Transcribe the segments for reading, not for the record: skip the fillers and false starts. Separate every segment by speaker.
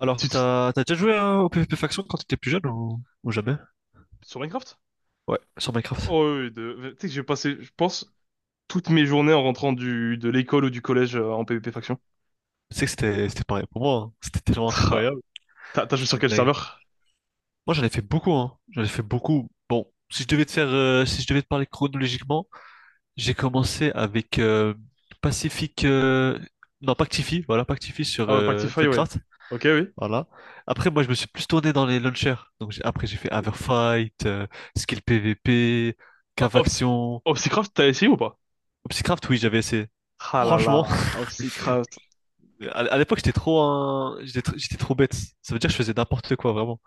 Speaker 1: Alors,
Speaker 2: Tu te-
Speaker 1: t'as déjà joué au PvP Faction quand t'étais plus jeune ou jamais?
Speaker 2: Sur Minecraft?
Speaker 1: Ouais, sur Minecraft.
Speaker 2: Oh, oui, oui, Tu sais que j'ai passé, je pense, toutes mes journées en rentrant de l'école ou du collège en PvP faction.
Speaker 1: Tu sais que c'était pareil pour moi, hein. C'était tellement
Speaker 2: Tra.
Speaker 1: incroyable.
Speaker 2: T'as joué sur
Speaker 1: C'était
Speaker 2: quel
Speaker 1: dingue.
Speaker 2: serveur?
Speaker 1: Moi, j'en ai fait beaucoup, hein. J'en ai fait beaucoup. Bon, si je devais te faire, si je devais te parler chronologiquement, j'ai commencé avec Pacific, non, Pactify, voilà, Pactify sur
Speaker 2: Ah ouais, Pactify, ouais.
Speaker 1: Funcraft,
Speaker 2: Ok, oui.
Speaker 1: voilà. Après, moi, je me suis plus tourné dans les launchers. Donc, après, j'ai fait Averfight, Skill PvP,
Speaker 2: O- Ops...
Speaker 1: Cavaction,
Speaker 2: Opsicraft, t'as essayé ou pas?
Speaker 1: Obsicraft, oui, j'avais essayé.
Speaker 2: Ah là
Speaker 1: Franchement,
Speaker 2: là, Opsicraft.
Speaker 1: À l'époque, j'étais trop bête. Ça veut dire que je faisais n'importe quoi, vraiment.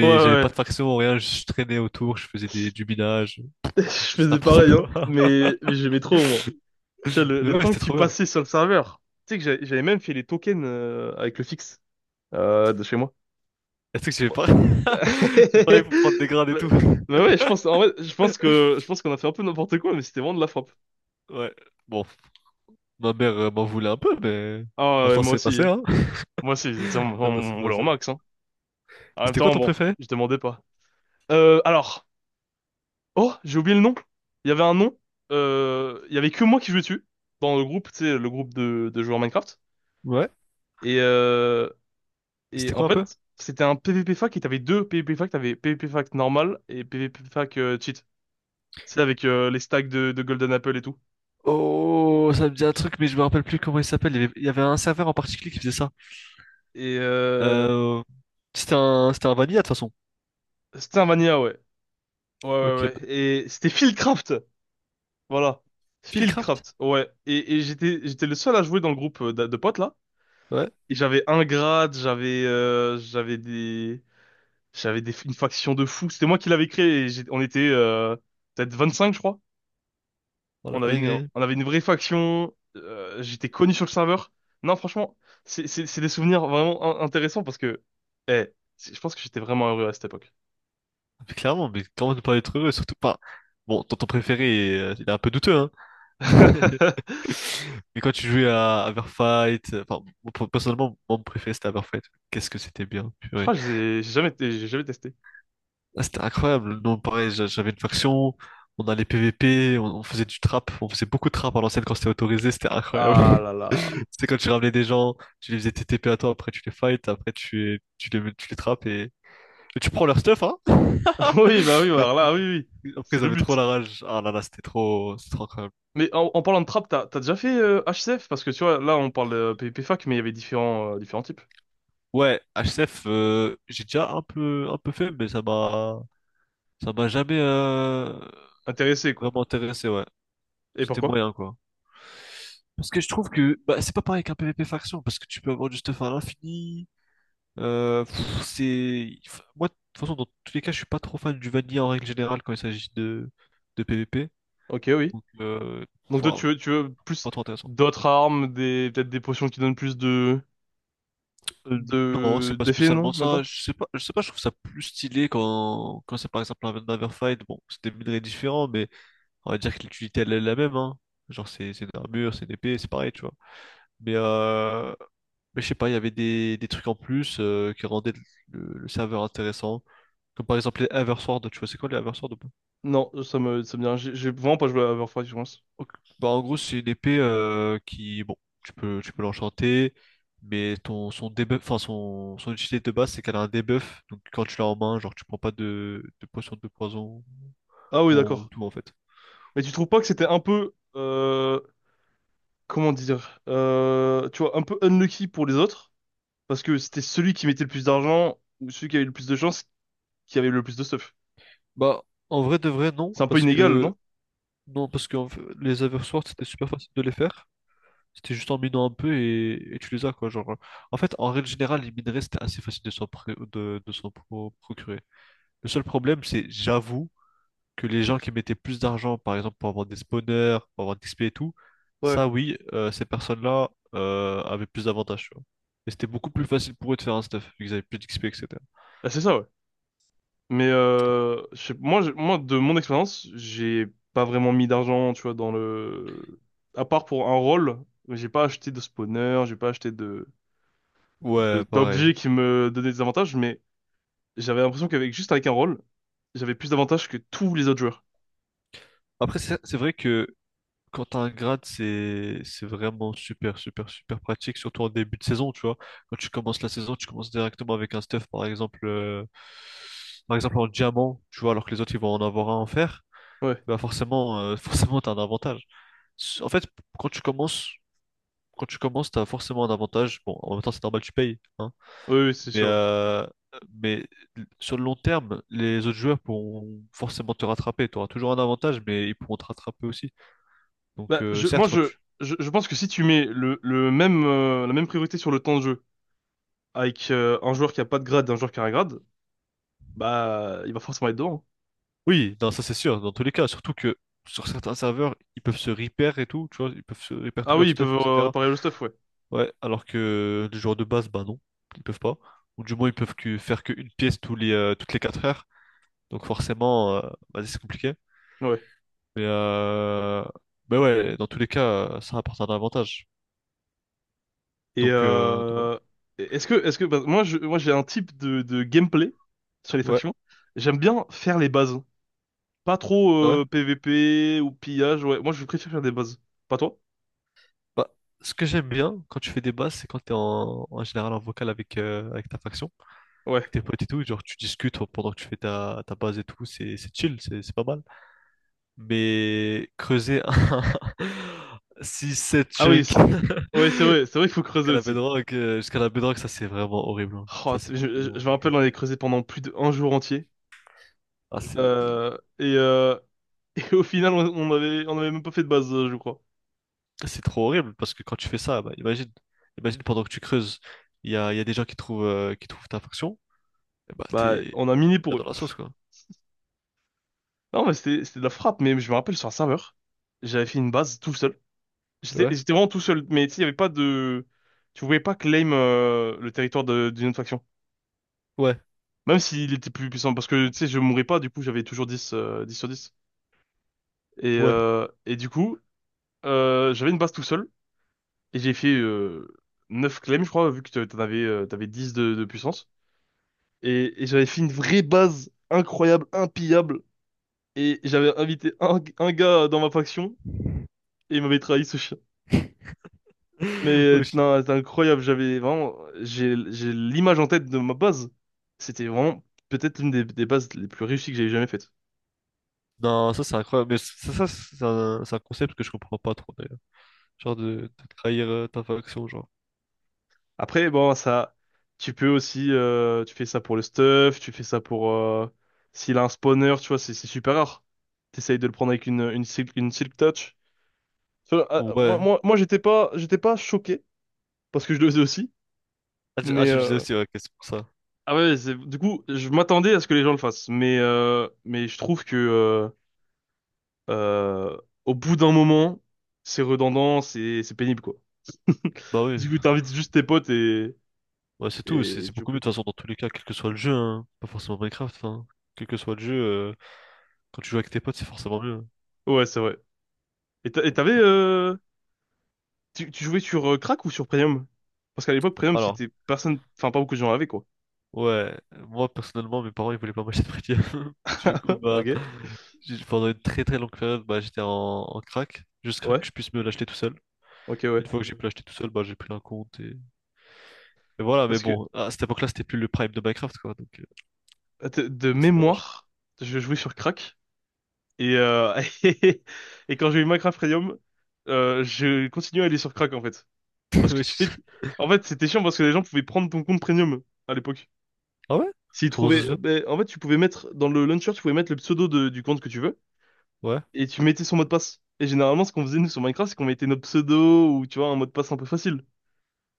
Speaker 2: Ouais,
Speaker 1: j'avais pas
Speaker 2: ouais.
Speaker 1: de faction, rien, je traînais autour, je faisais du minage,
Speaker 2: Je
Speaker 1: je faisais
Speaker 2: faisais
Speaker 1: n'importe
Speaker 2: pareil, hein.
Speaker 1: quoi.
Speaker 2: Mais j'aimais trop, moi. Tu sais, le...
Speaker 1: Mais
Speaker 2: le
Speaker 1: ouais,
Speaker 2: temps
Speaker 1: c'était
Speaker 2: que tu
Speaker 1: trop bien.
Speaker 2: passais sur le serveur. Tu sais que j'avais même fait les tokens avec le fixe de chez moi.
Speaker 1: Est-ce que j'avais pas... J'ai pareil pour prendre des grades et
Speaker 2: Bah,
Speaker 1: tout.
Speaker 2: bah, ouais, je pense, en vrai, je pense qu'on a fait un peu n'importe quoi, mais c'était vraiment de la frappe.
Speaker 1: Ouais. Bon, ma mère m'en voulait un peu, mais...
Speaker 2: Ah ouais,
Speaker 1: Maintenant,
Speaker 2: moi
Speaker 1: c'est passé,
Speaker 2: aussi.
Speaker 1: hein.
Speaker 2: Moi aussi, c'est mon,
Speaker 1: Maintenant, c'est
Speaker 2: mon voleur au
Speaker 1: passé. Et
Speaker 2: max, hein. En même
Speaker 1: c'était quoi
Speaker 2: temps,
Speaker 1: ton
Speaker 2: bon,
Speaker 1: préféré?
Speaker 2: je demandais pas. Alors. Oh, j'ai oublié le nom. Il y avait un nom. Il y avait que moi qui jouais dessus. Dans le groupe, tu sais, le groupe de joueurs Minecraft.
Speaker 1: Ouais.
Speaker 2: Et, euh, et
Speaker 1: C'était
Speaker 2: en
Speaker 1: quoi un peu?
Speaker 2: fait, c'était un PvP fac et t'avais deux PvP fac. T'avais PvP fac normal et PvP fac cheat. C'est avec les stacks de Golden Apple et tout.
Speaker 1: Oh, ça me dit un truc, mais je me rappelle plus comment il s'appelle. Il y avait un serveur en particulier qui faisait ça.
Speaker 2: Et
Speaker 1: Euh, C'était un, c'était un vanilla, de toute façon.
Speaker 2: c'était un mania, ouais. Ouais, ouais,
Speaker 1: Ok.
Speaker 2: ouais. Et c'était Fieldcraft. Voilà.
Speaker 1: Fieldcraft?
Speaker 2: Fieldcraft. Ouais. Et, j'étais le seul à jouer dans le groupe de potes, là.
Speaker 1: Ouais,
Speaker 2: Et j'avais un grade, une faction de fous. C'était moi qui l'avais créé, et on était, peut-être 25, je crois.
Speaker 1: dans la
Speaker 2: On avait une,
Speaker 1: dinguerie.
Speaker 2: on avait une vraie faction. J'étais connu sur le serveur. Non, franchement, c'est des souvenirs vraiment intéressants parce que, eh, je pense que j'étais vraiment heureux à cette époque.
Speaker 1: Ah, mais clairement, mais comment ne pas être heureux, surtout pas. Bon, ton, ton préféré, il est un peu douteux, hein. Mais quand tu jouais à Everfight, moi, personnellement, moi, mon préféré c'était Everfight. Qu'est-ce que c'était bien,
Speaker 2: Je
Speaker 1: purée.
Speaker 2: crois que j'ai jamais testé.
Speaker 1: Ah, c'était incroyable. Non, pareil, j'avais une faction, on allait PVP, on faisait du trap, on faisait beaucoup de trap à l'ancienne quand c'était autorisé, c'était incroyable.
Speaker 2: Ah là là.
Speaker 1: C'était quand tu ramenais des gens, tu les faisais TTP à toi, après tu les fight, après tu, les- tu les, tu les trappes et tu prends leur stuff, hein.
Speaker 2: Oui, bah alors là, oui, oui.
Speaker 1: Après,
Speaker 2: C'est
Speaker 1: ils
Speaker 2: le
Speaker 1: avaient trop
Speaker 2: but.
Speaker 1: la rage. Ah là là, c'était trop incroyable.
Speaker 2: Mais en parlant de trap, t'as déjà fait HCF? Parce que tu vois, là, on parle de PvP fac, mais il y avait différents types.
Speaker 1: Ouais, HCF, j'ai déjà un peu fait, ça m'a jamais
Speaker 2: Intéressés, quoi.
Speaker 1: vraiment intéressé. Ouais,
Speaker 2: Et
Speaker 1: c'était
Speaker 2: pourquoi?
Speaker 1: moyen quoi. Parce que je trouve que bah, c'est pas pareil qu'un PvP faction, parce que tu peux avoir du stuff à l'infini. Moi de toute façon dans tous les cas je suis pas trop fan du vanilla en règle générale quand il s'agit de PvP
Speaker 2: Ok, oui.
Speaker 1: donc
Speaker 2: Donc toi, tu
Speaker 1: enfin,
Speaker 2: veux, tu veux plus
Speaker 1: pas trop intéressant.
Speaker 2: d'autres armes, peut-être des potions qui donnent plus
Speaker 1: Euh, non, c'est pas
Speaker 2: d'effets, non?
Speaker 1: spécialement
Speaker 2: Même
Speaker 1: ça.
Speaker 2: pas?
Speaker 1: Je sais pas, je sais pas, je trouve ça plus stylé quand, quand c'est par exemple un Another Fight. Bon, c'est des minerais différents, mais on va dire que l'utilité elle est la même, hein. Genre c'est une armure, c'est une épée, c'est pareil, tu vois. Mais, euh, mais je sais pas, il y avait des trucs en plus qui rendaient le serveur intéressant. Comme par exemple les Eversword, tu vois, c'est quoi les Eversword?
Speaker 2: Non, ça me dit rien. J'ai vraiment pas joué à Overwatch, je pense.
Speaker 1: Ok. Bah, en gros, c'est une épée qui, bon, tu peux l'enchanter, son debuff, enfin, son, son utilité de base, c'est qu'elle a un debuff. Donc, quand tu l'as en main, genre, tu prends pas de potion de poison
Speaker 2: Ah oui,
Speaker 1: ou
Speaker 2: d'accord.
Speaker 1: tout, en fait.
Speaker 2: Mais tu trouves pas que c'était
Speaker 1: Ok.
Speaker 2: un peu, comment dire, tu vois, un peu unlucky pour les autres? Parce que c'était celui qui mettait le plus d'argent ou celui qui avait le plus de chance qui avait le plus de stuff.
Speaker 1: Bah, en vrai de vrai, non,
Speaker 2: C'est un peu inégal, non?
Speaker 1: non, parce que en fait, les Everswords, c'était super facile de les faire. C'était juste en minant un peu et tu les as, quoi. Genre, en fait, en règle générale, les minerais, c'était assez facile de procurer. Le seul problème, c'est, j'avoue, que les gens qui mettaient plus d'argent, par exemple, pour avoir des spawners, pour avoir des XP et tout,
Speaker 2: Ouais.
Speaker 1: ça, oui, ces personnes-là avaient plus d'avantages, tu vois. Et c'était beaucoup plus facile pour eux de faire un stuff, vu qu'ils avaient plus d'XP, etc.
Speaker 2: Ah, c'est ça, ouais. Mais je sais- moi, je- moi, de mon expérience, j'ai pas vraiment mis d'argent, tu vois. À part pour un rôle, j'ai pas acheté de spawner, j'ai pas acheté
Speaker 1: Ouais, pareil.
Speaker 2: d'objets qui me donnaient des avantages, mais j'avais l'impression qu'avec juste avec un rôle, j'avais plus d'avantages que tous les autres joueurs.
Speaker 1: Après, c'est vrai que quand t'as un grade, c'est vraiment super, super, super pratique, surtout en début de saison, tu vois. Quand tu commences la saison, tu commences directement avec un stuff, par exemple en diamant, tu vois, alors que les autres, ils vont en avoir un en fer.
Speaker 2: Ouais,
Speaker 1: Bah forcément, forcément, t'as un avantage. En fait, quand tu commences, quand tu commences, t'as forcément un avantage. Bon, en même temps, c'est normal, tu payes, hein.
Speaker 2: oui, oui, c'est
Speaker 1: Mais,
Speaker 2: sûr, ouais.
Speaker 1: euh, mais sur le long terme, les autres joueurs pourront forcément te rattraper. Tu auras toujours un avantage, mais ils pourront te rattraper aussi. Donc,
Speaker 2: Bah,
Speaker 1: euh,
Speaker 2: moi,
Speaker 1: certes, quand tu...
Speaker 2: je pense que si tu mets la même priorité sur le temps de jeu, avec un joueur qui a pas de grade et un joueur qui a un grade, bah il va forcément être devant, hein.
Speaker 1: Oui, non, ça c'est sûr, dans tous les cas. Surtout que sur certains serveurs, ils peuvent se repair et tout, tu vois, ils peuvent se repair
Speaker 2: Ah
Speaker 1: tout
Speaker 2: oui,
Speaker 1: leur
Speaker 2: ils
Speaker 1: stuff,
Speaker 2: peuvent
Speaker 1: etc.
Speaker 2: réparer le stuff, ouais.
Speaker 1: Ouais, alors que les joueurs de base, bah non, ils peuvent pas. Ou du moins, ils peuvent que faire qu'une pièce tous toutes les 4 heures. Donc forcément, bah, c'est compliqué.
Speaker 2: Ouais. Ouais.
Speaker 1: Mais, euh... mais ouais, dans tous les cas, ça apporte un avantage.
Speaker 2: Et
Speaker 1: Donc voilà.
Speaker 2: euh, est-ce que bah, moi je moi j'ai un type de gameplay sur les
Speaker 1: Ouais,
Speaker 2: factions. J'aime bien faire les bases. Pas trop
Speaker 1: ah ouais.
Speaker 2: PVP ou pillage, ouais. Moi je préfère faire des bases. Pas toi?
Speaker 1: Bah, ce que j'aime bien quand tu fais des basses, c'est quand t'es en général en vocal avec, avec ta faction,
Speaker 2: Ouais.
Speaker 1: avec tes potes et tout, genre tu discutes pendant que tu fais ta base et tout, c'est chill, c'est pas mal. Mais creuser un 6-7
Speaker 2: Ah oui,
Speaker 1: chunk
Speaker 2: c'est ouais, c'est vrai qu'il faut creuser aussi.
Speaker 1: jusqu'à la bedrock, ça c'est vraiment horrible. Hein.
Speaker 2: Oh,
Speaker 1: Ça c'est
Speaker 2: je
Speaker 1: vraiment
Speaker 2: me rappelle,
Speaker 1: long.
Speaker 2: on avait creusé pendant plus d'un jour entier.
Speaker 1: Ah, c'est-
Speaker 2: Euh, et, euh, au final, on avait même pas fait de base, je crois.
Speaker 1: C'est trop horrible parce que quand tu fais ça, bah, imagine pendant que tu creuses, il y a des gens qui trouvent ta faction et bah
Speaker 2: Bah, on a miné
Speaker 1: t'es
Speaker 2: pour
Speaker 1: dans
Speaker 2: eux.
Speaker 1: la sauce quoi.
Speaker 2: Non, mais c'était de la frappe, mais je me rappelle sur un serveur, j'avais fait une base tout seul. J'étais
Speaker 1: Ouais,
Speaker 2: j'étais vraiment tout seul, mais tu sais, il y avait pas de. Tu pouvais pas claim le territoire d'une autre faction.
Speaker 1: ouais,
Speaker 2: Même s'il était plus puissant, parce que, tu sais, je mourais pas, du coup, j'avais toujours 10 10 sur 10. Et,
Speaker 1: ouais.
Speaker 2: euh, et du coup, j'avais une base tout seul, et j'ai fait 9 claims, je crois, vu que t'avais 10 de puissance. Et j'avais fait une vraie base incroyable, impillable, et j'avais invité un gars dans ma faction. Il m'avait trahi, ce chien. Mais
Speaker 1: Ouais, je-
Speaker 2: non, c'est incroyable. J'ai l'image en tête de ma base. C'était vraiment peut-être une des bases les plus réussies que j'ai jamais faites.
Speaker 1: Non, ça c'est incroyable, mais c'est un concept que je comprends pas trop d'ailleurs. De trahir ta faction, genre.
Speaker 2: Après, bon, ça, tu peux aussi, tu fais ça pour le stuff, tu fais ça pour, s'il a un spawner, tu vois, c'est super rare. T'essayes de le prendre avec une silk touch. Tu vois, moi,
Speaker 1: Ouais.
Speaker 2: moi, moi, j'étais pas choqué parce que je le faisais aussi,
Speaker 1: Ah,
Speaker 2: mais
Speaker 1: tu le disais
Speaker 2: euh,
Speaker 1: aussi, ouais, ok, c'est pour ça.
Speaker 2: ah ouais, du coup, je m'attendais à ce que les gens le fassent, mais je trouve que euh, au bout d'un moment, c'est redondant, c'est pénible quoi.
Speaker 1: Bah oui,
Speaker 2: Du coup, t'invites juste tes potes et
Speaker 1: ouais, c'est tout, c'est
Speaker 2: et,
Speaker 1: c'est
Speaker 2: tu joues
Speaker 1: beaucoup mieux
Speaker 2: plus.
Speaker 1: de toute façon dans tous les cas, quel que soit le jeu, hein. Pas forcément Minecraft, hein. Quel que soit le jeu, quand tu joues avec tes potes, c'est forcément mieux.
Speaker 2: Ouais, c'est vrai. Et t'a- et t'avais euh, Tu jouais sur Crack ou sur Premium? Parce qu'à l'époque, Premium,
Speaker 1: Alors.
Speaker 2: c'était personne, enfin pas beaucoup de gens avaient quoi.
Speaker 1: Ouais, moi personnellement, mes parents ils voulaient pas m'acheter de premium. Du coup, bah,
Speaker 2: Ok.
Speaker 1: pendant une très très longue période, bah, j'étais en, en crack, jusqu'à
Speaker 2: Ouais.
Speaker 1: que je puisse me l'acheter tout seul.
Speaker 2: Ok,
Speaker 1: Une
Speaker 2: ouais.
Speaker 1: fois que j'ai pu l'acheter tout seul, bah, j'ai pris un compte et voilà. Mais
Speaker 2: Parce que
Speaker 1: bon, à cette époque-là, c'était plus le prime de Minecraft, quoi.
Speaker 2: de
Speaker 1: Donc c'est dommage.
Speaker 2: mémoire, je jouais sur Crack et euh, et quand j'ai eu Minecraft Premium, je continuais à aller sur Crack en fait. Parce que
Speaker 1: Oui,
Speaker 2: tu
Speaker 1: je-
Speaker 2: t'es, En fait, c'était chiant parce que les gens pouvaient prendre ton compte Premium à l'époque.
Speaker 1: Ah ouais?
Speaker 2: S'il
Speaker 1: Comment ça se
Speaker 2: trouvait,
Speaker 1: fait?
Speaker 2: ben, en fait, tu pouvais mettre dans le launcher, tu pouvais mettre le pseudo du compte que tu veux
Speaker 1: Ouais,
Speaker 2: et tu mettais son mot de passe. Et généralement, ce qu'on faisait nous sur Minecraft, c'est qu'on mettait nos pseudos ou tu vois un mot de passe un peu facile.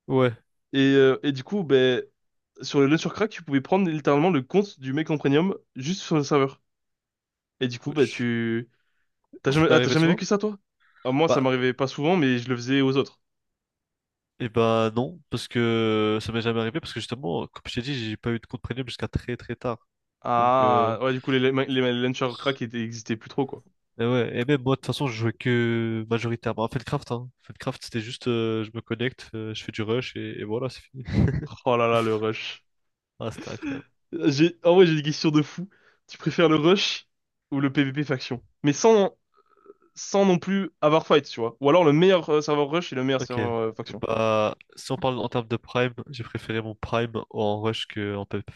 Speaker 1: ouais.
Speaker 2: Et du coup, ben, sur le launcher crack, tu pouvais prendre littéralement le compte du mec en premium juste sur le serveur. Et du coup,
Speaker 1: Ouais,
Speaker 2: ben,
Speaker 1: je-
Speaker 2: tu t'as
Speaker 1: Ça
Speaker 2: jamais
Speaker 1: t'est
Speaker 2: ah, t'as
Speaker 1: arrivé
Speaker 2: jamais
Speaker 1: souvent?
Speaker 2: vécu ça, toi? Ah, moi, ça
Speaker 1: Bah,
Speaker 2: m'arrivait pas souvent, mais je le faisais aux autres.
Speaker 1: et bah non, parce que ça m'est jamais arrivé, parce que justement, comme je t'ai dit, j'ai pas eu de compte premium jusqu'à très très tard. Donc,
Speaker 2: Ah ouais, du coup, les launcher crack existaient plus trop quoi.
Speaker 1: et ouais, et même moi, de toute façon, je jouais que majoritairement à Feldcraft, hein. Feldcraft, c'était juste, je me connecte, je fais du rush et voilà, c'est fini.
Speaker 2: Oh là là, le rush.
Speaker 1: Ah, c'était incroyable.
Speaker 2: En vrai, j'ai des questions de fou. Tu préfères le rush ou le PvP faction? Mais sans non plus avoir fight, tu vois. Ou alors le meilleur serveur rush et le meilleur
Speaker 1: Ok.
Speaker 2: serveur faction.
Speaker 1: Bah, si on parle en termes de prime, j'ai préféré mon prime en rush qu'en PvP